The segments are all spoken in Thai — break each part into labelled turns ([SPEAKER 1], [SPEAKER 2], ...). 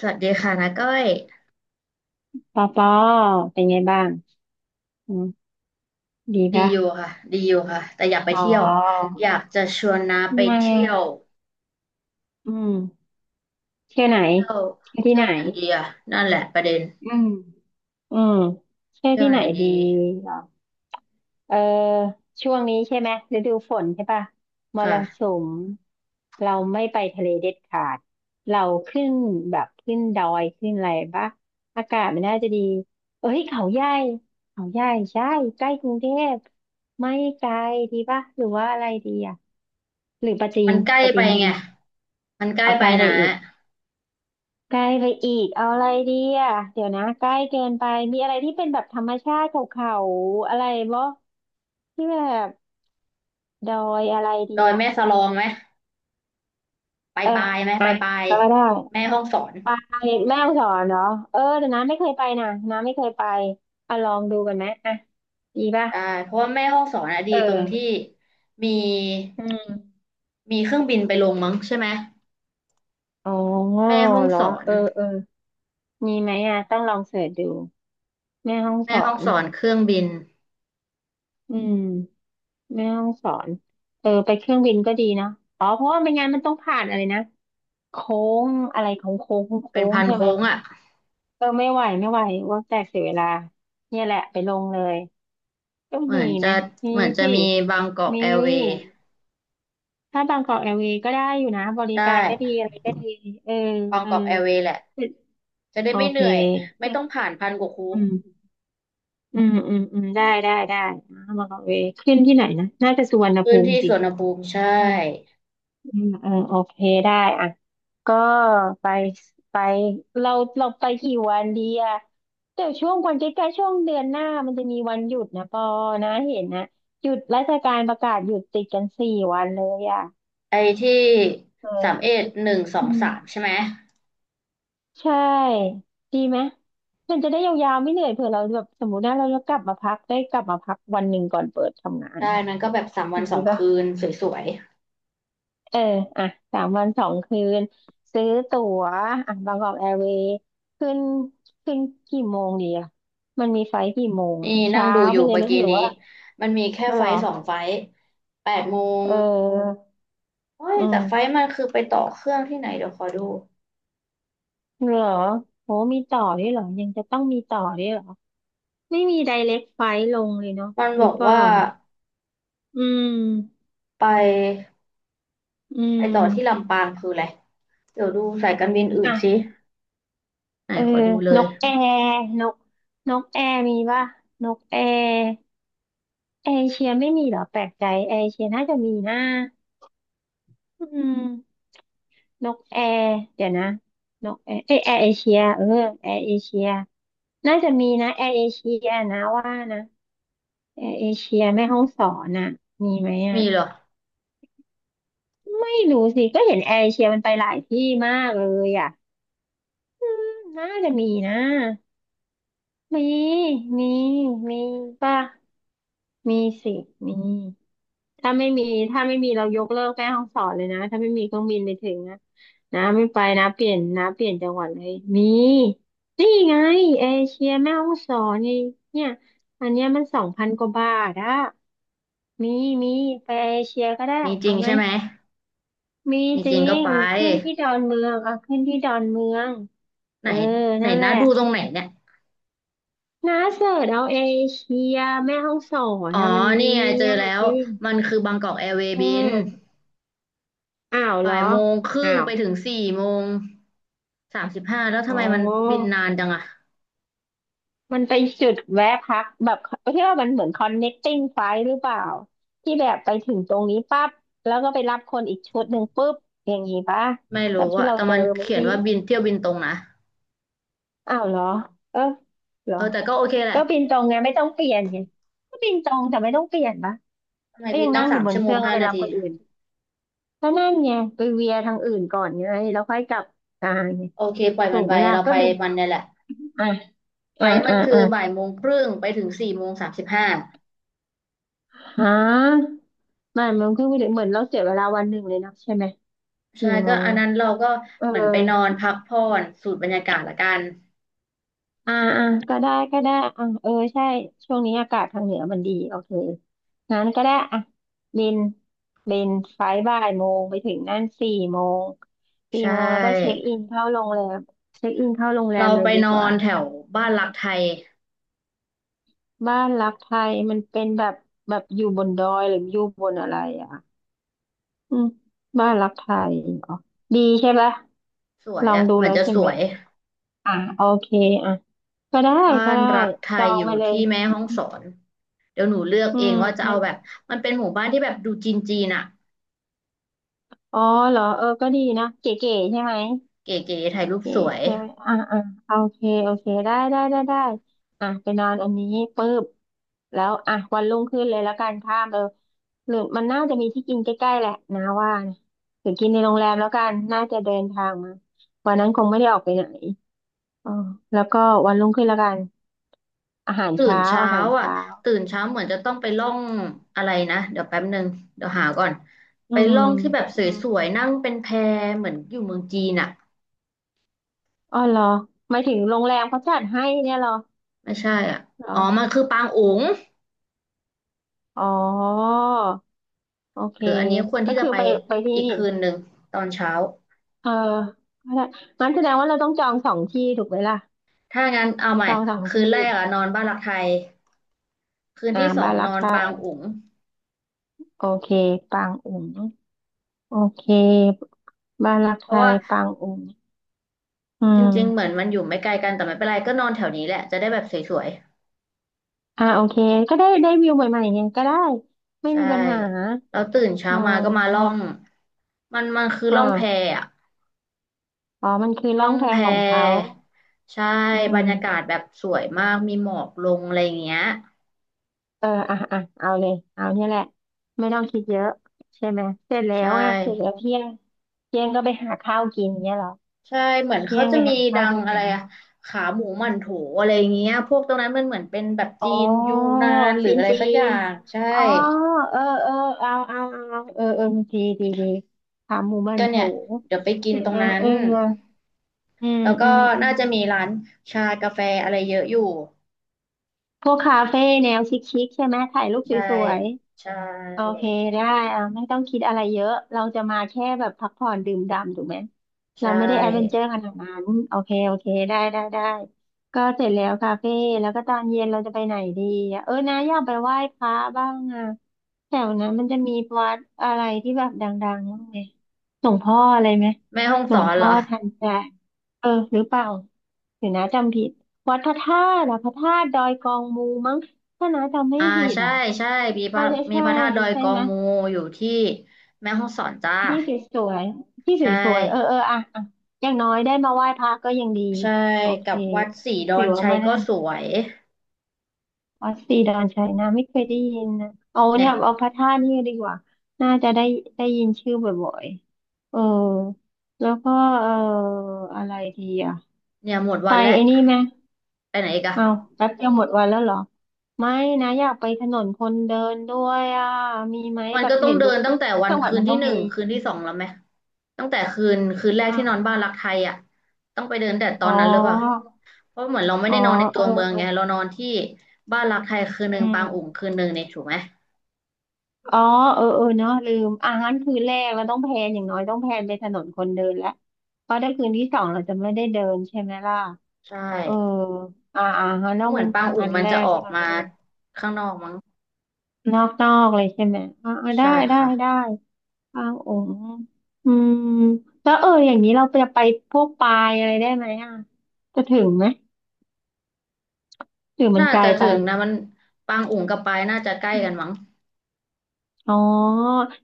[SPEAKER 1] สวัสดีค่ะนะก้อย
[SPEAKER 2] ปอปอเป็นไงบ้าง อืมดี
[SPEAKER 1] ดี
[SPEAKER 2] ปะ
[SPEAKER 1] อยู่ค่ะดีอยู่ค่ะแต่อยากไป
[SPEAKER 2] อ๋
[SPEAKER 1] เที่ยว
[SPEAKER 2] อ
[SPEAKER 1] อยากจะชวนน้าไป
[SPEAKER 2] ไม่
[SPEAKER 1] เที่ยว
[SPEAKER 2] อืมเที่ยวไหน
[SPEAKER 1] เที่ยว
[SPEAKER 2] เที่ยวที่
[SPEAKER 1] เที่ย
[SPEAKER 2] ไหน
[SPEAKER 1] วไหนดีอ่ะนั่นแหละประเด็น
[SPEAKER 2] อืมอืมเที่ยว
[SPEAKER 1] เที่ยว
[SPEAKER 2] ที่
[SPEAKER 1] ไห
[SPEAKER 2] ไห
[SPEAKER 1] น
[SPEAKER 2] นดี
[SPEAKER 1] ดี
[SPEAKER 2] เหรอเออช่วงนี้ใช่ไหมฤดูฝนใช่ปะมร
[SPEAKER 1] ค่ะ
[SPEAKER 2] สุมเราไม่ไปทะเลเด็ดขาดเราขึ้นแบบขึ้นดอยขึ้นอะไรปะอากาศมันน่าจะดีเอ้ยเขาใหญ่เขาใหญ่ใช่ใกล้กรุงเทพไม่ไกลดีปะหรือว่าอะไรดีอ่ะ หรือปราจี
[SPEAKER 1] มั
[SPEAKER 2] น
[SPEAKER 1] นใกล้
[SPEAKER 2] ปราจี
[SPEAKER 1] ไป
[SPEAKER 2] นบุ
[SPEAKER 1] ไง
[SPEAKER 2] รี
[SPEAKER 1] มันใกล้
[SPEAKER 2] เอาใก
[SPEAKER 1] ไป
[SPEAKER 2] ล้ไป
[SPEAKER 1] นะ
[SPEAKER 2] อีกใกล้ไปอีกเอาอะไรดีอ่ะเดี๋ยวนะใกล้เกินไปมีอะไรที่เป็นแบบธรรมชาติเขาอะไรบ่ที่แบบดอยอะไรดี
[SPEAKER 1] ดอย
[SPEAKER 2] อ่ะ
[SPEAKER 1] แม่สลองไหมไป
[SPEAKER 2] เออ
[SPEAKER 1] ปลายไหม
[SPEAKER 2] อ่ะ
[SPEAKER 1] ไปปลาย
[SPEAKER 2] ก็ได้ไป
[SPEAKER 1] แม่ห้องสอน
[SPEAKER 2] แม่ฮ่องสอนเหรอเออแต่น้าไม่เคยไปนะน้าไม่เคยไปอ่ะลองดูกันไหมอ่ะดีป่ะ
[SPEAKER 1] ได้เพราะว่าแม่ห้องสอนอะดี
[SPEAKER 2] เอ
[SPEAKER 1] ตรงที่
[SPEAKER 2] อ
[SPEAKER 1] มี
[SPEAKER 2] อืม
[SPEAKER 1] มีเครื่องบินไปลงมั้งใช่ไหม
[SPEAKER 2] อ๋อ
[SPEAKER 1] แม่ห้อง
[SPEAKER 2] เหรอ
[SPEAKER 1] สอน
[SPEAKER 2] เออเออมีไหมอ่ะต้องลองเสิร์ชดูแม่ห้องส
[SPEAKER 1] แม่
[SPEAKER 2] อ
[SPEAKER 1] ห้อง
[SPEAKER 2] น
[SPEAKER 1] สอนเครื่องบิน
[SPEAKER 2] อืม แม่ฮ่องสอนเออไปเครื่องบินก็ดีนะอ๋อเพราะว่าไม่งั้นมันต้องผ่านอะไรนะโค้งอะไรของโค้ง
[SPEAKER 1] เป็
[SPEAKER 2] โค้
[SPEAKER 1] น
[SPEAKER 2] ง
[SPEAKER 1] พัน
[SPEAKER 2] ใช่ไหม
[SPEAKER 1] โค้งอ่ะ
[SPEAKER 2] เออไม่ไหวไม่ไหวว่าแตกเสียเวลาเนี่ยแหละไปลงเลยต้อง
[SPEAKER 1] เหมื
[SPEAKER 2] มี
[SPEAKER 1] อน
[SPEAKER 2] ไหม
[SPEAKER 1] จะ
[SPEAKER 2] มี
[SPEAKER 1] เหมือนจะ
[SPEAKER 2] สิ
[SPEAKER 1] มีบางกอก
[SPEAKER 2] มี
[SPEAKER 1] แอร์เวย์
[SPEAKER 2] ถ้าบางกอกแอร์เวย์ก็ได้อยู่นะบริ
[SPEAKER 1] ได้
[SPEAKER 2] การก็ดีอะไรก็ดีเออ
[SPEAKER 1] บาง
[SPEAKER 2] เออ
[SPEAKER 1] กอกแอร์เวย์แหละจะได้
[SPEAKER 2] โอ
[SPEAKER 1] ไม่เห
[SPEAKER 2] เค
[SPEAKER 1] นื่อยไม่
[SPEAKER 2] อ
[SPEAKER 1] ต้องผ่านพันกว่าคุ้ม
[SPEAKER 2] ืมอืมอืมอืมได้ได้ได้อ่าบางกอกแอร์เวย์ขึ้นที่ไหนนะน่าจะสุวรรณ
[SPEAKER 1] พื้
[SPEAKER 2] ภู
[SPEAKER 1] น
[SPEAKER 2] มิ
[SPEAKER 1] ที่
[SPEAKER 2] สิ
[SPEAKER 1] สุวรรณภูมิใช่
[SPEAKER 2] อืมอืมโอเคได้อ่ะก็ไปไปเราเราไปกี่วันดีอ่ะเดี๋ยวช่วงวันใกล้ๆช่วงเดือนหน้ามันจะมีวันหยุดนะปอนะเห็นนะหยุดราชการประกาศหยุดติดกันสี่วันเลยอ่ะ
[SPEAKER 1] ไอ้ที่
[SPEAKER 2] เอ
[SPEAKER 1] สามเอ็
[SPEAKER 2] อ
[SPEAKER 1] ดหนึ่งสอ
[SPEAKER 2] อื
[SPEAKER 1] ง
[SPEAKER 2] ม
[SPEAKER 1] สามใช่ไหม
[SPEAKER 2] ใช่ดีไหมมันจะได้ยาวๆไม่เหนื่อยเผื่อเราแบบสมมตินะเราจะกลับมาพักได้กลับมาพักวันหนึ่งก่อนเปิดทำงาน
[SPEAKER 1] ได้นั้นก็แบบสามวันส
[SPEAKER 2] ดี
[SPEAKER 1] อง
[SPEAKER 2] ป่ะ
[SPEAKER 1] คืนสวย
[SPEAKER 2] เอออ่ะ สามวันสองคืน ซื้อตั๋วอ่ะบางกอกแอร์เวย์ขึ้น ขึ้นกี่โมงดีอ่ะมันมีไฟล์กี่โมง
[SPEAKER 1] ๆนี่
[SPEAKER 2] อะ
[SPEAKER 1] นั่ง
[SPEAKER 2] เช้า
[SPEAKER 1] ดูอ
[SPEAKER 2] ไป
[SPEAKER 1] ยู่
[SPEAKER 2] เลย
[SPEAKER 1] เมื่
[SPEAKER 2] ไห
[SPEAKER 1] อ
[SPEAKER 2] ม
[SPEAKER 1] กี้
[SPEAKER 2] หรือ
[SPEAKER 1] นี้
[SPEAKER 2] ว่า
[SPEAKER 1] มันมีแค่
[SPEAKER 2] เห
[SPEAKER 1] ไฟ
[SPEAKER 2] รอ
[SPEAKER 1] ล์สองไฟล์แปดโมง
[SPEAKER 2] เออ
[SPEAKER 1] โอ้ย
[SPEAKER 2] อื
[SPEAKER 1] แต่ไฟล์
[SPEAKER 2] ม
[SPEAKER 1] มันคือไปต่อเครื่องที่ไหนเดี๋ยวขอดู
[SPEAKER 2] เหรอโหมีต่อด้วยเหรอ ยังจะต้องมีต่อด้วยเหรอ ไม่มีไดเรกไฟล์ลงเลยเนาะ
[SPEAKER 1] มัน
[SPEAKER 2] ห
[SPEAKER 1] บ
[SPEAKER 2] รื
[SPEAKER 1] อ
[SPEAKER 2] อ
[SPEAKER 1] ก
[SPEAKER 2] เปล่า
[SPEAKER 1] ว่า
[SPEAKER 2] อืม
[SPEAKER 1] ไป
[SPEAKER 2] อื
[SPEAKER 1] ไปต่อที่
[SPEAKER 2] ม
[SPEAKER 1] ลำปางคืออะไร เดี๋ยวดูสายการบินอื่นสิ
[SPEAKER 2] อ่ะ
[SPEAKER 1] ไหน
[SPEAKER 2] เออ
[SPEAKER 1] ขอดูเล
[SPEAKER 2] น
[SPEAKER 1] ย
[SPEAKER 2] กแอร์นก นกแอร์มีป่ะนกแอร์ แอร์เอเชียไม่มีเหรอแปลกใจแอร์เอเชียน่าจะมีนะอืมนกแอร์เดี๋ยวนะนกแอร์เอยแอร์เอเชียเออแอร์เอเชียน่าจะมีนะแอร์เอเชียนะว่านะแอร์เอเชียแม่ฮ่องสอนน่ะมีไหม
[SPEAKER 1] มีเหร
[SPEAKER 2] อ่ะ
[SPEAKER 1] อ
[SPEAKER 2] ไม่รู้สิก็เห็นแอร์เอเชียมันไปหลายที่มากเลยอ่ะน่าจะมีนะมีมีมีป่ะมีสิมี ถ้าไม่มีถ้าไม่มีเรายกเลิกแม่ฮ่องสอนเลยนะถ้าไม่มีเครื่องบินไปถึงนะนะไม่ไปนะเปลี่ยนนะเปลี่ยนจังหวัดเลยมีนี่ไงเอเชียแม่ฮ่องสอนไงเนี่ยอันเนี้ยมันสองพันกว่าบาทอะมีมีไปเอเชียก็ได้
[SPEAKER 1] มีจริ
[SPEAKER 2] เอา
[SPEAKER 1] ง
[SPEAKER 2] ไหม
[SPEAKER 1] ใช่ไหม
[SPEAKER 2] มี
[SPEAKER 1] มี
[SPEAKER 2] จ
[SPEAKER 1] จ
[SPEAKER 2] ริ
[SPEAKER 1] ริงก็
[SPEAKER 2] ง
[SPEAKER 1] ไป
[SPEAKER 2] ขึ้นที่ดอนเมืองอ่ะขึ้นที่ดอนเมือง
[SPEAKER 1] ไห
[SPEAKER 2] เอ
[SPEAKER 1] น
[SPEAKER 2] อ
[SPEAKER 1] ไหน
[SPEAKER 2] นั่นแห
[SPEAKER 1] นะ
[SPEAKER 2] ละ
[SPEAKER 1] ดูตรงไหนเนี่ย
[SPEAKER 2] นะเสิร์ชเอาเอเชียแม่ฮ่องสอน
[SPEAKER 1] อ๋อ
[SPEAKER 2] นะมัน
[SPEAKER 1] นี่
[SPEAKER 2] มี
[SPEAKER 1] ไงเจอ
[SPEAKER 2] อ่ะ
[SPEAKER 1] แล้ว
[SPEAKER 2] จริง
[SPEAKER 1] มันคือบางกอกแอร์เวย์
[SPEAKER 2] เอ
[SPEAKER 1] บิน
[SPEAKER 2] ออ้าวเหร
[SPEAKER 1] บ่า
[SPEAKER 2] อ
[SPEAKER 1] ยโมงครึ่
[SPEAKER 2] อ้า
[SPEAKER 1] ง
[SPEAKER 2] ว
[SPEAKER 1] ไปถึงสี่โมงสามสิบห้าแล้ว
[SPEAKER 2] โอ้
[SPEAKER 1] ทำไมมันบินนานจังอะ
[SPEAKER 2] มันไปจุดแวะพักแบบที่ว่ามันเหมือน connecting flight หรือเปล่าที่แบบไปถึงตรงนี้ปั๊บแล้วก็ไปรับคนอีกชุดหนึ่งปุ๊บอย่างนี้ปะ
[SPEAKER 1] ไม่
[SPEAKER 2] แบบ
[SPEAKER 1] รู้
[SPEAKER 2] ที่
[SPEAKER 1] อะ
[SPEAKER 2] เรา
[SPEAKER 1] แต่
[SPEAKER 2] เจ
[SPEAKER 1] มั
[SPEAKER 2] อ
[SPEAKER 1] น
[SPEAKER 2] เมื่อ
[SPEAKER 1] เขียน
[SPEAKER 2] กี้
[SPEAKER 1] ว่าบินเที่ยวบินตรงนะ
[SPEAKER 2] อ้าวเหรอเออเหรอ
[SPEAKER 1] เออแต่ก็โอเคแหละ
[SPEAKER 2] ก็บินตรงไงไม่ต้องเปลี่ยนไงก็บินตรงแต่ไม่ต้องเปลี่ยนปะ
[SPEAKER 1] ทำไม
[SPEAKER 2] ก็ยั
[SPEAKER 1] บิ
[SPEAKER 2] ง
[SPEAKER 1] นตั้
[SPEAKER 2] นั่
[SPEAKER 1] ง
[SPEAKER 2] งอ
[SPEAKER 1] สา
[SPEAKER 2] ยู่
[SPEAKER 1] ม
[SPEAKER 2] บน
[SPEAKER 1] ชั่ว
[SPEAKER 2] เค
[SPEAKER 1] โม
[SPEAKER 2] รื่
[SPEAKER 1] ง
[SPEAKER 2] องแล้ว
[SPEAKER 1] ห้า
[SPEAKER 2] ไป
[SPEAKER 1] นา
[SPEAKER 2] รับค
[SPEAKER 1] ที
[SPEAKER 2] นอื่นก็นั่นไงไปเวียทางอื่นก่อนไงแล้วค่อยกลับอ่าไง
[SPEAKER 1] โอเคปล่อย
[SPEAKER 2] ถู
[SPEAKER 1] มัน
[SPEAKER 2] ก
[SPEAKER 1] ไป
[SPEAKER 2] ไหมล่ะ
[SPEAKER 1] เรา
[SPEAKER 2] ก็
[SPEAKER 1] ไป
[SPEAKER 2] บิน
[SPEAKER 1] มันเนี่ยแหละ
[SPEAKER 2] อ่ะ
[SPEAKER 1] ไป
[SPEAKER 2] อ่า
[SPEAKER 1] มั
[SPEAKER 2] อ่า
[SPEAKER 1] นคื
[SPEAKER 2] อ่
[SPEAKER 1] อบ่ายโมงครึ่งไปถึงสี่โมงสามสิบห้า
[SPEAKER 2] าฮะ ไม่มันขึ้นไปถึงเหมือนเราเสียเวลาวันหนึ่งเลยนะใช่ไหม
[SPEAKER 1] ใช่
[SPEAKER 2] สี่โม
[SPEAKER 1] ก็
[SPEAKER 2] ง
[SPEAKER 1] อันนั้นเราก็
[SPEAKER 2] เออ
[SPEAKER 1] เหมือนไปนอนพักผ่อนสูดบรรยากาศละกัน
[SPEAKER 2] อ่าอ่าก็ได้ก็ได้อ่ะเออใช่ช่วงนี้อากาศทางเหนือมันดีโอเคงั้นก็ได้อ่ะบินบินไฟล์บ่ายโมงไปถึงนั่นสี่โมงสี่
[SPEAKER 1] ใช
[SPEAKER 2] โมงแล้วก็เช็
[SPEAKER 1] ่
[SPEAKER 2] คอินเข้าโรงแรมเช็คอินเข้าโรงแรม
[SPEAKER 1] เรา
[SPEAKER 2] เล
[SPEAKER 1] ไป
[SPEAKER 2] ยดี
[SPEAKER 1] น
[SPEAKER 2] ก
[SPEAKER 1] อ
[SPEAKER 2] ว่า
[SPEAKER 1] นแถวบ้านรักไทย
[SPEAKER 2] บ้านรักไทยมันเป็นแบบอยู่บนดอยหรืออยู่บนอะไรอ่ะอืมบ้านรักไทยอ๋อดีใช่ปะ
[SPEAKER 1] สวย
[SPEAKER 2] ลอง
[SPEAKER 1] อะ
[SPEAKER 2] ดู
[SPEAKER 1] เหมือน
[SPEAKER 2] แล้ว
[SPEAKER 1] จะ
[SPEAKER 2] ใช่
[SPEAKER 1] ส
[SPEAKER 2] ไหม
[SPEAKER 1] วย
[SPEAKER 2] อ่ะโอเคอ่ะก็ได้
[SPEAKER 1] บ้า
[SPEAKER 2] ก็
[SPEAKER 1] น
[SPEAKER 2] ได้
[SPEAKER 1] รักไท
[SPEAKER 2] จอ
[SPEAKER 1] ย
[SPEAKER 2] ง
[SPEAKER 1] อ
[SPEAKER 2] ไป
[SPEAKER 1] ยู่
[SPEAKER 2] เลย
[SPEAKER 1] ที่แม่ฮ่องสอนเดี๋ยวหนูเลือก
[SPEAKER 2] อื
[SPEAKER 1] เอ
[SPEAKER 2] ม
[SPEAKER 1] งว่าจะ
[SPEAKER 2] มั
[SPEAKER 1] เอา
[SPEAKER 2] น
[SPEAKER 1] แบบมันเป็นหมู่บ้านที่แบบดูจีนๆอะ
[SPEAKER 2] อ๋อเหรอเออก็ดีนะเก๋ๆใช่ไหม
[SPEAKER 1] เก๋ๆถ่ายรูป
[SPEAKER 2] เก๋
[SPEAKER 1] สวย
[SPEAKER 2] ใช่ไหมอ่ะอ่ะโอเคโอเคได้ได้ได้ได้อ่ะไปนอนอันนี้ปุ๊บแล้วอ่ะวันรุ่งขึ้นเลยแล้วกันข้ามเออหรือมันน่าจะมีที่กินใกล้ๆแหละนะว่านะหรือกินในโรงแรมแล้วกันน่าจะเดินทางมาวันนั้นคงไม่ได้ออกไปไหนอ๋อแล้วก็วันรุ่งขึ้นแล้วกัน
[SPEAKER 1] ตื่นเช้า
[SPEAKER 2] อาหาร
[SPEAKER 1] อ่ะ
[SPEAKER 2] เช้า
[SPEAKER 1] ตื่นเช้าเหมือนจะต้องไปล่องอะไรนะเดี๋ยวแป๊บหนึ่งเดี๋ยวหาก่อน
[SPEAKER 2] อื
[SPEAKER 1] ไป
[SPEAKER 2] ม
[SPEAKER 1] ล่องที่แบบส
[SPEAKER 2] อืม
[SPEAKER 1] วยๆนั่งเป็นแพเหมือนอยู่เมืองจีนอ่ะ
[SPEAKER 2] อ๋อเหรอหมายถึงโรงแรมเขาจัดให้เนี่ยเหรอ
[SPEAKER 1] ไม่ใช่อ่ะ
[SPEAKER 2] เหรอ
[SPEAKER 1] อ๋อมันคือปางอุ๋ง
[SPEAKER 2] อ๋อโอเค
[SPEAKER 1] นี่ควร
[SPEAKER 2] ก็
[SPEAKER 1] ที่จะ
[SPEAKER 2] คือ
[SPEAKER 1] ไป
[SPEAKER 2] ไปไปที่
[SPEAKER 1] อีกคืนหนึ่งตอนเช้า
[SPEAKER 2] เออก็ได้งั้นแสดงว่าเราต้องจองสองที่ถูกไหมล่ะ
[SPEAKER 1] ถ้างั้นเอาใหม่
[SPEAKER 2] จองสอง
[SPEAKER 1] คืน
[SPEAKER 2] ที่
[SPEAKER 1] แรกอ่ะนอนบ้านรักไทยคืน
[SPEAKER 2] อ่า
[SPEAKER 1] ที่สอ
[SPEAKER 2] บ้า
[SPEAKER 1] ง
[SPEAKER 2] น
[SPEAKER 1] น
[SPEAKER 2] รัก
[SPEAKER 1] อน
[SPEAKER 2] ไท
[SPEAKER 1] ปา
[SPEAKER 2] ย
[SPEAKER 1] งอุ๋ง
[SPEAKER 2] โอเคปางอุ๋งโอเคบ้านรักไท
[SPEAKER 1] เพราะว่า
[SPEAKER 2] ยปางอุ๋งอื
[SPEAKER 1] จริงๆเหมือน
[SPEAKER 2] ม
[SPEAKER 1] มันอยู่ไม่ไกลกันแต่ไม่เป็นไรก็นอนแถวนี้แหละจะได้แบบสวย
[SPEAKER 2] อ่าโอเคก็ได้ได้วิวใหม่ๆไงก็ได้ไม่
[SPEAKER 1] ๆใช่
[SPEAKER 2] มีปัญหา
[SPEAKER 1] แล้วตื่นเช้า
[SPEAKER 2] อ๋อ
[SPEAKER 1] มาก็มาล่องมันคือ
[SPEAKER 2] อ่า
[SPEAKER 1] ล่องแพอ่ะ
[SPEAKER 2] อ๋อมันคือล่
[SPEAKER 1] ล่
[SPEAKER 2] อ
[SPEAKER 1] อ
[SPEAKER 2] ง
[SPEAKER 1] ง
[SPEAKER 2] แพ
[SPEAKER 1] แพ
[SPEAKER 2] ของเขา
[SPEAKER 1] ใช่
[SPEAKER 2] อื
[SPEAKER 1] บ
[SPEAKER 2] ม
[SPEAKER 1] รรยากาศแบบสวยมากมีหมอกลงอะไรอย่างเงี้ย
[SPEAKER 2] อ่ะอ่ะเอาเลย เอาเนี่ยแหละไม่ต้องคิดเยอะใช่ไหมเสร็จแล้
[SPEAKER 1] ใช
[SPEAKER 2] วอ่ะเสร็จแล้
[SPEAKER 1] ่
[SPEAKER 2] วเที่ยงเที่ยงก็ไปหาข้าวกินเนี่ยเหรอ
[SPEAKER 1] ใช่เหมือน
[SPEAKER 2] เที่
[SPEAKER 1] เขา
[SPEAKER 2] ยง
[SPEAKER 1] จะ
[SPEAKER 2] ไป
[SPEAKER 1] มี
[SPEAKER 2] หาข้า
[SPEAKER 1] ดั
[SPEAKER 2] ว
[SPEAKER 1] ง
[SPEAKER 2] กิน
[SPEAKER 1] อะไร
[SPEAKER 2] กัน
[SPEAKER 1] อะขาหมูหมั่นโถอะไรอย่างเงี้ยพวกตรงนั้นมันเหมือนเป็นแบบ
[SPEAKER 2] อ๋
[SPEAKER 1] จี
[SPEAKER 2] อ
[SPEAKER 1] นยูนานหรือ
[SPEAKER 2] จีน
[SPEAKER 1] อะไร
[SPEAKER 2] จี
[SPEAKER 1] สักอย่า
[SPEAKER 2] น
[SPEAKER 1] งใช่
[SPEAKER 2] อ๋อ เออเออเอาเอาเอาเออเออดีดีดีขาหมูบ้าน
[SPEAKER 1] ก็
[SPEAKER 2] โถ
[SPEAKER 1] เนี่ยเดี๋ยวไปกิ
[SPEAKER 2] เอ
[SPEAKER 1] น
[SPEAKER 2] อ
[SPEAKER 1] ตร
[SPEAKER 2] เอ
[SPEAKER 1] ง
[SPEAKER 2] อ
[SPEAKER 1] นั้น
[SPEAKER 2] เอออืม
[SPEAKER 1] แล้วก็
[SPEAKER 2] อืมอื
[SPEAKER 1] น่า
[SPEAKER 2] ม
[SPEAKER 1] จะมีร้านชากาแฟอะไรเยอะอยู่
[SPEAKER 2] พวกคาเฟ่แนวชิคๆใช่ไหมถ่ายรูปส
[SPEAKER 1] ใช่
[SPEAKER 2] วย
[SPEAKER 1] ใช
[SPEAKER 2] โอ
[SPEAKER 1] ่
[SPEAKER 2] เคได้อ่ะไม่ต้องคิดอะไรเยอะเราจะมาแค่แบบพักผ่อนดื่มด่ำถูกไหมเรา
[SPEAKER 1] ใช่
[SPEAKER 2] ไม่ได้แอดเวนเจอร์ขนาดนั้นโอเคโอเคได้ได้ได้ก็เสร็จแล้วคาเฟ่แล้วก็ตอนเย็นเราจะไปไหนดีอ่ะเออนะอยากไปไหว้พระบ้างอ่ะแถวนั้นมันจะมีวัดอะไรที่แบบดังๆบ้างไหมหลวงพ่ออะไรไหม
[SPEAKER 1] แม่ฮ่อง
[SPEAKER 2] หล
[SPEAKER 1] ส
[SPEAKER 2] ว
[SPEAKER 1] อ
[SPEAKER 2] ง
[SPEAKER 1] นเห
[SPEAKER 2] พ่
[SPEAKER 1] ร
[SPEAKER 2] อ
[SPEAKER 1] อ
[SPEAKER 2] ทันใจเออหรือเปล่าหรือนะจำผิดวัดพระธาตุอ่ะพระธาตุดอยกองมูมั้งถ้านะจำไม่
[SPEAKER 1] อ่า
[SPEAKER 2] ผิด
[SPEAKER 1] ใช่
[SPEAKER 2] อ่ะ
[SPEAKER 1] ใช่มีพระ
[SPEAKER 2] น่าจะ
[SPEAKER 1] มี
[SPEAKER 2] ใช่
[SPEAKER 1] พระธาตุดอย
[SPEAKER 2] ใช่
[SPEAKER 1] กอ
[SPEAKER 2] ไห
[SPEAKER 1] ง
[SPEAKER 2] ม
[SPEAKER 1] มูอยู่ที่แม่ฮ่องสอนจ้า
[SPEAKER 2] ที่สวยๆที่ส
[SPEAKER 1] ใช่
[SPEAKER 2] วยๆเออเอออ่ะอ่ะอย่างน้อยได้มาไหว้พระก็ยังดี
[SPEAKER 1] ใช่
[SPEAKER 2] โอเค
[SPEAKER 1] กับวัดศรีดอ
[SPEAKER 2] ถือ
[SPEAKER 1] น
[SPEAKER 2] ว่า
[SPEAKER 1] ชัย
[SPEAKER 2] มา
[SPEAKER 1] ก็
[SPEAKER 2] นั่น
[SPEAKER 1] สวย
[SPEAKER 2] วัดศรีดอนชัยนะไม่เคยได้ยินนะเอา
[SPEAKER 1] เนี่
[SPEAKER 2] เนี่
[SPEAKER 1] ย
[SPEAKER 2] ยเอาพระธาตุนี่ดีกว่าน่าจะได้ได้ยินชื่อบ่อยๆเออแล้วก็เอออะไรดีอ่ะ
[SPEAKER 1] หมด
[SPEAKER 2] ไป
[SPEAKER 1] วันแล้ว
[SPEAKER 2] ไอ้นี่ไหม
[SPEAKER 1] ไปไหนอีกอะ
[SPEAKER 2] เอาแป๊บเดียวหมดวันแล้วเหรอไม่นะอยากไปถนนคนเดินด้วยอ่ะมีไหม
[SPEAKER 1] มัน
[SPEAKER 2] แบบ
[SPEAKER 1] ก็ต้อง
[SPEAKER 2] เห็น
[SPEAKER 1] เดิ
[SPEAKER 2] ทุก
[SPEAKER 1] นตั้งแต่วั
[SPEAKER 2] จั
[SPEAKER 1] น
[SPEAKER 2] งหวัด
[SPEAKER 1] คืน
[SPEAKER 2] มันต้
[SPEAKER 1] ที่
[SPEAKER 2] อง
[SPEAKER 1] หนึ่
[SPEAKER 2] มี
[SPEAKER 1] งคืนที่สองแล้วไหมตั้งแต่คืนแรกที่นอนบ้านรักไทยอะต้องไปเดินแต่ตอ
[SPEAKER 2] อ๋อ
[SPEAKER 1] นนั้นหรือเปล่าเพราะเหมือนเราไม่
[SPEAKER 2] อ๋อ
[SPEAKER 1] ได้นอนใน
[SPEAKER 2] เอ
[SPEAKER 1] ตั
[SPEAKER 2] อ
[SPEAKER 1] วเมือง
[SPEAKER 2] เออ
[SPEAKER 1] ไงเรานอนที่บ้านรักไทยคืนห
[SPEAKER 2] อื
[SPEAKER 1] นึ่งปา
[SPEAKER 2] ม
[SPEAKER 1] งอุ๋งคืนหนึ่งเนี่ยถูกไหม
[SPEAKER 2] อ๋อเออเออเนาะลืมอ่ะงั้นคืนแรกเราต้องแพลนอย่างน้อยต้องแพลนไปถนนคนเดินแล้วเพราะถ้าคืนที่สองเราจะไม่ได้เดินใช่ไหมล่ะ
[SPEAKER 1] ใช่
[SPEAKER 2] เอออ่าอ่าฮะน
[SPEAKER 1] เพ
[SPEAKER 2] อ
[SPEAKER 1] ราะ
[SPEAKER 2] ก
[SPEAKER 1] เหมื
[SPEAKER 2] เป็
[SPEAKER 1] อน
[SPEAKER 2] น
[SPEAKER 1] ปางอุ๋
[SPEAKER 2] อั
[SPEAKER 1] ง
[SPEAKER 2] น
[SPEAKER 1] มัน
[SPEAKER 2] แร
[SPEAKER 1] จะ
[SPEAKER 2] ก
[SPEAKER 1] ออ
[SPEAKER 2] ที่
[SPEAKER 1] ก
[SPEAKER 2] เรา
[SPEAKER 1] มา
[SPEAKER 2] จะเดิน
[SPEAKER 1] ข้างนอกมั้ง
[SPEAKER 2] นอกนอกเลยใช่ไหมอ่าอ่าได้
[SPEAKER 1] ใช่
[SPEAKER 2] ได้ได้
[SPEAKER 1] ค่ะ
[SPEAKER 2] อ้าวโอ๋งอืมแล้วเอออย่างนี้เราจะไปพวกปายอะไรได้ไหมอ่ะจะถึงไหมหรือมัน
[SPEAKER 1] น่า
[SPEAKER 2] ไกล
[SPEAKER 1] จะ
[SPEAKER 2] ไป
[SPEAKER 1] ถึงนะมันปางอุ๋งกับปายน่าจะใกล้กันมั้ง
[SPEAKER 2] อ๋อ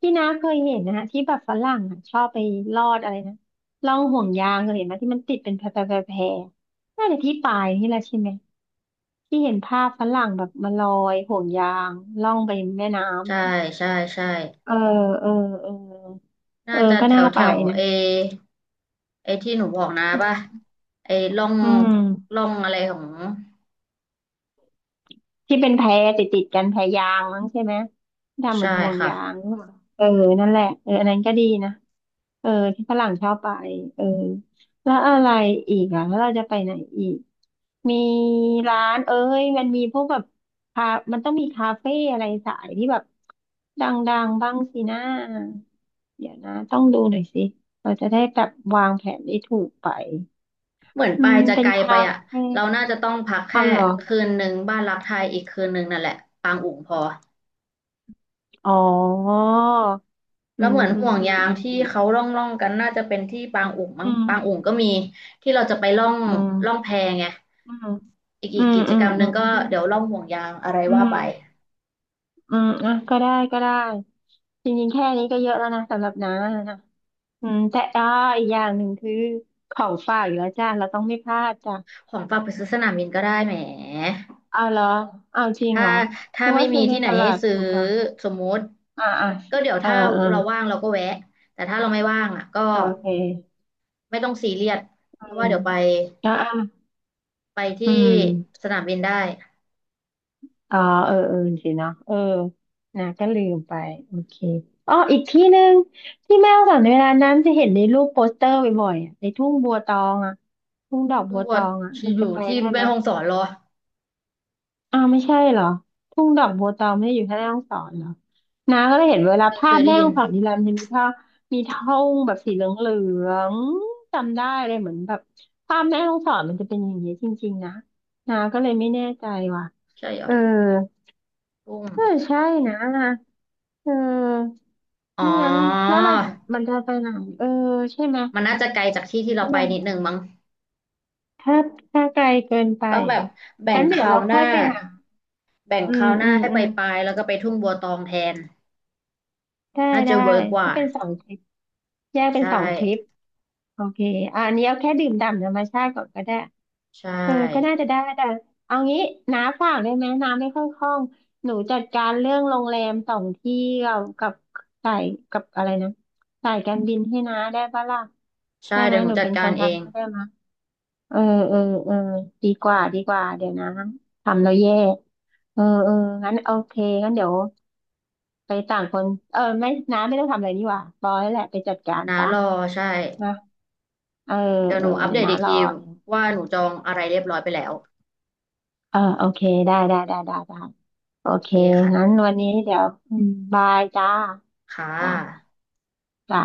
[SPEAKER 2] ที่น้าเคยเห็นนะฮะที่แบบฝรั่งอ่ะชอบไปลอดอะไรนะล่องห่วงยางเคยเห็นไหมที่มันติดเป็นแพรแพรแพรแพรน่าจะที่ปายนี่แหละใช่ไหมที่เห็นภาพฝรั่งแบบมาลอยห่วงยางล่องไปแม่น้ำ
[SPEAKER 1] ใช่
[SPEAKER 2] เนี่ย
[SPEAKER 1] ใช่ใช่
[SPEAKER 2] เออเออเออเอ
[SPEAKER 1] น่า
[SPEAKER 2] อ
[SPEAKER 1] จะ
[SPEAKER 2] ก็
[SPEAKER 1] แถ
[SPEAKER 2] น่า
[SPEAKER 1] วแถ
[SPEAKER 2] ไป
[SPEAKER 1] ว
[SPEAKER 2] นะ
[SPEAKER 1] เอไอที่หนูบอกนะ
[SPEAKER 2] อื
[SPEAKER 1] ป่ะ
[SPEAKER 2] ม
[SPEAKER 1] ไอล่อง
[SPEAKER 2] อืม
[SPEAKER 1] อะไรของ
[SPEAKER 2] ที่เป็นแพติดกันแพยางมั้งใช่ไหมที่ทำเหมื
[SPEAKER 1] ใช่
[SPEAKER 2] อนห่วง
[SPEAKER 1] ค่ะ
[SPEAKER 2] ยางหรือเปล่าเออนั่นแหละเอออันนั้นก็ดีนะ เออที่ฝรั่งชอบไปเออแล้วอะไรอีกอ่ะแล้วเราจะไปไหนอีกมีร้านเอ้ยมันมีพวกแบบคามันต้องมีคาเฟ่อะไรสายที่แบบดังๆบ้างสินะเดี๋ยวนะต้องดูหน่อยสิเราจะได้แบบวางแผนได้ถูกไป
[SPEAKER 1] เหมือน
[SPEAKER 2] อื
[SPEAKER 1] ปา
[SPEAKER 2] ม
[SPEAKER 1] ยจะ
[SPEAKER 2] เป็
[SPEAKER 1] ไก
[SPEAKER 2] น
[SPEAKER 1] ลไป
[SPEAKER 2] คา
[SPEAKER 1] อ่ะ
[SPEAKER 2] เฟ่
[SPEAKER 1] เราน่าจะต้องพักแค่
[SPEAKER 2] เอาเหรอ
[SPEAKER 1] คืนหนึ่งบ้านรักไทยอีกคืนหนึ่งนั่นแหละปางอุ๋งพอ
[SPEAKER 2] อ๋ออื
[SPEAKER 1] แล้ว
[SPEAKER 2] ม
[SPEAKER 1] เหมือน
[SPEAKER 2] อื
[SPEAKER 1] ห่
[SPEAKER 2] ม
[SPEAKER 1] วง
[SPEAKER 2] อืม
[SPEAKER 1] ยาง
[SPEAKER 2] อืม
[SPEAKER 1] ที่
[SPEAKER 2] อืม
[SPEAKER 1] เขาล่องกันน่าจะเป็นที่ปางอุ๋งมั้งปางอุ๋งก็มีที่เราจะไปล่อง
[SPEAKER 2] อืม
[SPEAKER 1] ล่องแพไง
[SPEAKER 2] อื
[SPEAKER 1] อีก
[SPEAKER 2] ม
[SPEAKER 1] กิจ
[SPEAKER 2] อื
[SPEAKER 1] ก
[SPEAKER 2] ม
[SPEAKER 1] รรมห
[SPEAKER 2] อื
[SPEAKER 1] นึ่
[SPEAKER 2] ม
[SPEAKER 1] งก็
[SPEAKER 2] อืมอืม
[SPEAKER 1] เดี๋ยวล่องห่วงยางอะไร
[SPEAKER 2] อื
[SPEAKER 1] ว่า
[SPEAKER 2] ม
[SPEAKER 1] ไป
[SPEAKER 2] อืมอ่ะก็ได้ก็ได้จริงๆแค่นี้ก็เยอะแล้วนะสำหรับน้านะอืมแต่อ้ออีกอย่างหนึ่งคือของฝากอยู่แล้วจ้าเราต้องไม่พลาดจ้ะ
[SPEAKER 1] ของฝากไปซื้อสนามบินก็ได้แหม
[SPEAKER 2] เอาเหรอเอาจริง
[SPEAKER 1] ถ้า
[SPEAKER 2] เหรอนึก
[SPEAKER 1] ไม่
[SPEAKER 2] ว่า
[SPEAKER 1] มี
[SPEAKER 2] ซื้อใน
[SPEAKER 1] ที่ไหน
[SPEAKER 2] ตลา
[SPEAKER 1] ให้
[SPEAKER 2] ด
[SPEAKER 1] ซื้อ
[SPEAKER 2] ถูกกว่า
[SPEAKER 1] สมมุติ
[SPEAKER 2] อ่าอ่า
[SPEAKER 1] ก็เดี๋ยว
[SPEAKER 2] เออ
[SPEAKER 1] ถ้า
[SPEAKER 2] เออ
[SPEAKER 1] เราว่างเราก็แวะ แต่ถ้าเราไม่ว่างอ่ะก็
[SPEAKER 2] โอเค
[SPEAKER 1] ไม่ต้องซีเรียส
[SPEAKER 2] อื
[SPEAKER 1] เพราะว่า
[SPEAKER 2] ม
[SPEAKER 1] เดี๋ยวไป
[SPEAKER 2] แล้วอ่ะอื
[SPEAKER 1] ที่
[SPEAKER 2] ม
[SPEAKER 1] สนามบินได้
[SPEAKER 2] อ๋อเออเออสิเนาะเออนะก็ลืมไปโอเคอ๋ออีกที่หนึ่งที่แม่ฮ่องสอนเวลานั้นจะเห็นในรูปโปสเตอร์บ่อยๆอะในทุ่งบัวตองอ่ะทุ่งดอก
[SPEAKER 1] กุ้
[SPEAKER 2] บั
[SPEAKER 1] ง
[SPEAKER 2] ว
[SPEAKER 1] บ
[SPEAKER 2] ต
[SPEAKER 1] วช
[SPEAKER 2] องอ่ะมัน
[SPEAKER 1] อ
[SPEAKER 2] จะ
[SPEAKER 1] ยู่
[SPEAKER 2] ไป
[SPEAKER 1] ที่
[SPEAKER 2] ได้
[SPEAKER 1] แม่
[SPEAKER 2] ไหม
[SPEAKER 1] ฮ่องสอนเหรอ
[SPEAKER 2] อ้าวไม่ใช่เหรอทุ่งดอกบัวตองไม่ได้อยู่แค่แม่ฮ่องสอนเหรอนาก็เลยเห็นเวลา
[SPEAKER 1] ไม่เค
[SPEAKER 2] ภาพ
[SPEAKER 1] ยได้
[SPEAKER 2] แม่
[SPEAKER 1] ยิ
[SPEAKER 2] ฮ่
[SPEAKER 1] น
[SPEAKER 2] องสอนทีไรมันจะมีท่ามีท่งแบบสีเหลืองๆจำได้เลยเหมือนแบบภาพแม่ฮ่องสอนมันจะเป็นอย่างนี้จริงๆนะนาก็เลยไม่แน่ใจว่ะ
[SPEAKER 1] ใช่เหรอ
[SPEAKER 2] เออ
[SPEAKER 1] กุ้ง
[SPEAKER 2] เออใช่นะเออ
[SPEAKER 1] อ๋อ
[SPEAKER 2] ไม่งั้นแล้วเราจะมันจะไปไหนเออใช่ไหม
[SPEAKER 1] มันน่าจะไกลจากที่ที่เรา
[SPEAKER 2] ใช่ไห
[SPEAKER 1] ไป
[SPEAKER 2] ม
[SPEAKER 1] นิดนึงมั้ง
[SPEAKER 2] ถ้าถ้าไกลเกินไป
[SPEAKER 1] ต้องแบ
[SPEAKER 2] เหร
[SPEAKER 1] บ
[SPEAKER 2] อ
[SPEAKER 1] แบ่ง
[SPEAKER 2] งั้น
[SPEAKER 1] ค
[SPEAKER 2] เดี๋ยว
[SPEAKER 1] ราว
[SPEAKER 2] เรา
[SPEAKER 1] ห
[SPEAKER 2] ค่
[SPEAKER 1] น้า
[SPEAKER 2] อยไปหา
[SPEAKER 1] แบ่ง
[SPEAKER 2] อื
[SPEAKER 1] ค
[SPEAKER 2] ม
[SPEAKER 1] ราวห
[SPEAKER 2] อื
[SPEAKER 1] น้า
[SPEAKER 2] ม
[SPEAKER 1] ให้
[SPEAKER 2] อื
[SPEAKER 1] ไป
[SPEAKER 2] ม
[SPEAKER 1] ปลายแล้วก็ไปทุ่งบัวตองแทน
[SPEAKER 2] ได้
[SPEAKER 1] น่าจะ
[SPEAKER 2] ได้
[SPEAKER 1] เวิร์กก
[SPEAKER 2] ก็
[SPEAKER 1] ว่า
[SPEAKER 2] เป็นสองทริปแยกเป็น
[SPEAKER 1] ใช่
[SPEAKER 2] สองทริปโอเคอะอันนี้เอาแค่ดื่มด่ำธรรมชาติก่อนก็ได้
[SPEAKER 1] ใช่
[SPEAKER 2] เออก็น่าจะได้แต่เอางี้น้าฝากได้ไหมน้าไม่ค่อยคล่องหนูจัดการเรื่องโรงแรมสองที่กับกับสายกับอะไรนะสายการบินให้น้าได้ปะล่ะ
[SPEAKER 1] ใช่
[SPEAKER 2] ได้ไหม
[SPEAKER 1] เดี๋ยวหนู
[SPEAKER 2] หนู
[SPEAKER 1] จัด
[SPEAKER 2] เป็นค
[SPEAKER 1] การ
[SPEAKER 2] น
[SPEAKER 1] เอ
[SPEAKER 2] ทำ
[SPEAKER 1] ง
[SPEAKER 2] ให้ได้ไหมเออเออเออดีกว่าดีกว่าเดี๋ยวนะทำแล้วแย่เออเอองั้นโอเคงั้นเดี๋ยวไปต่างคนเออไม่น้าไม่ต้องทำอะไรนี่หว่าปล่อยแหละไปจัดการ
[SPEAKER 1] นะ
[SPEAKER 2] ซะ
[SPEAKER 1] รอใช่
[SPEAKER 2] นะเออ
[SPEAKER 1] เดี๋ยว
[SPEAKER 2] เอ
[SPEAKER 1] ห
[SPEAKER 2] อ
[SPEAKER 1] นูอัป
[SPEAKER 2] เดี๋ย
[SPEAKER 1] เด
[SPEAKER 2] ว
[SPEAKER 1] ต
[SPEAKER 2] น้า
[SPEAKER 1] อีก
[SPEAKER 2] รอ
[SPEAKER 1] ที
[SPEAKER 2] เอง
[SPEAKER 1] ว่าหนูจองอะไรเรียบร้อยไปแล้ว
[SPEAKER 2] เออโอเคได้ได้ได้ได้ได้โอ
[SPEAKER 1] โอ
[SPEAKER 2] เค
[SPEAKER 1] เคค่ะ
[SPEAKER 2] งั้นวันนี้เดี๋ยวอืมบายจ้า
[SPEAKER 1] ค่ะ
[SPEAKER 2] จ้าจ้า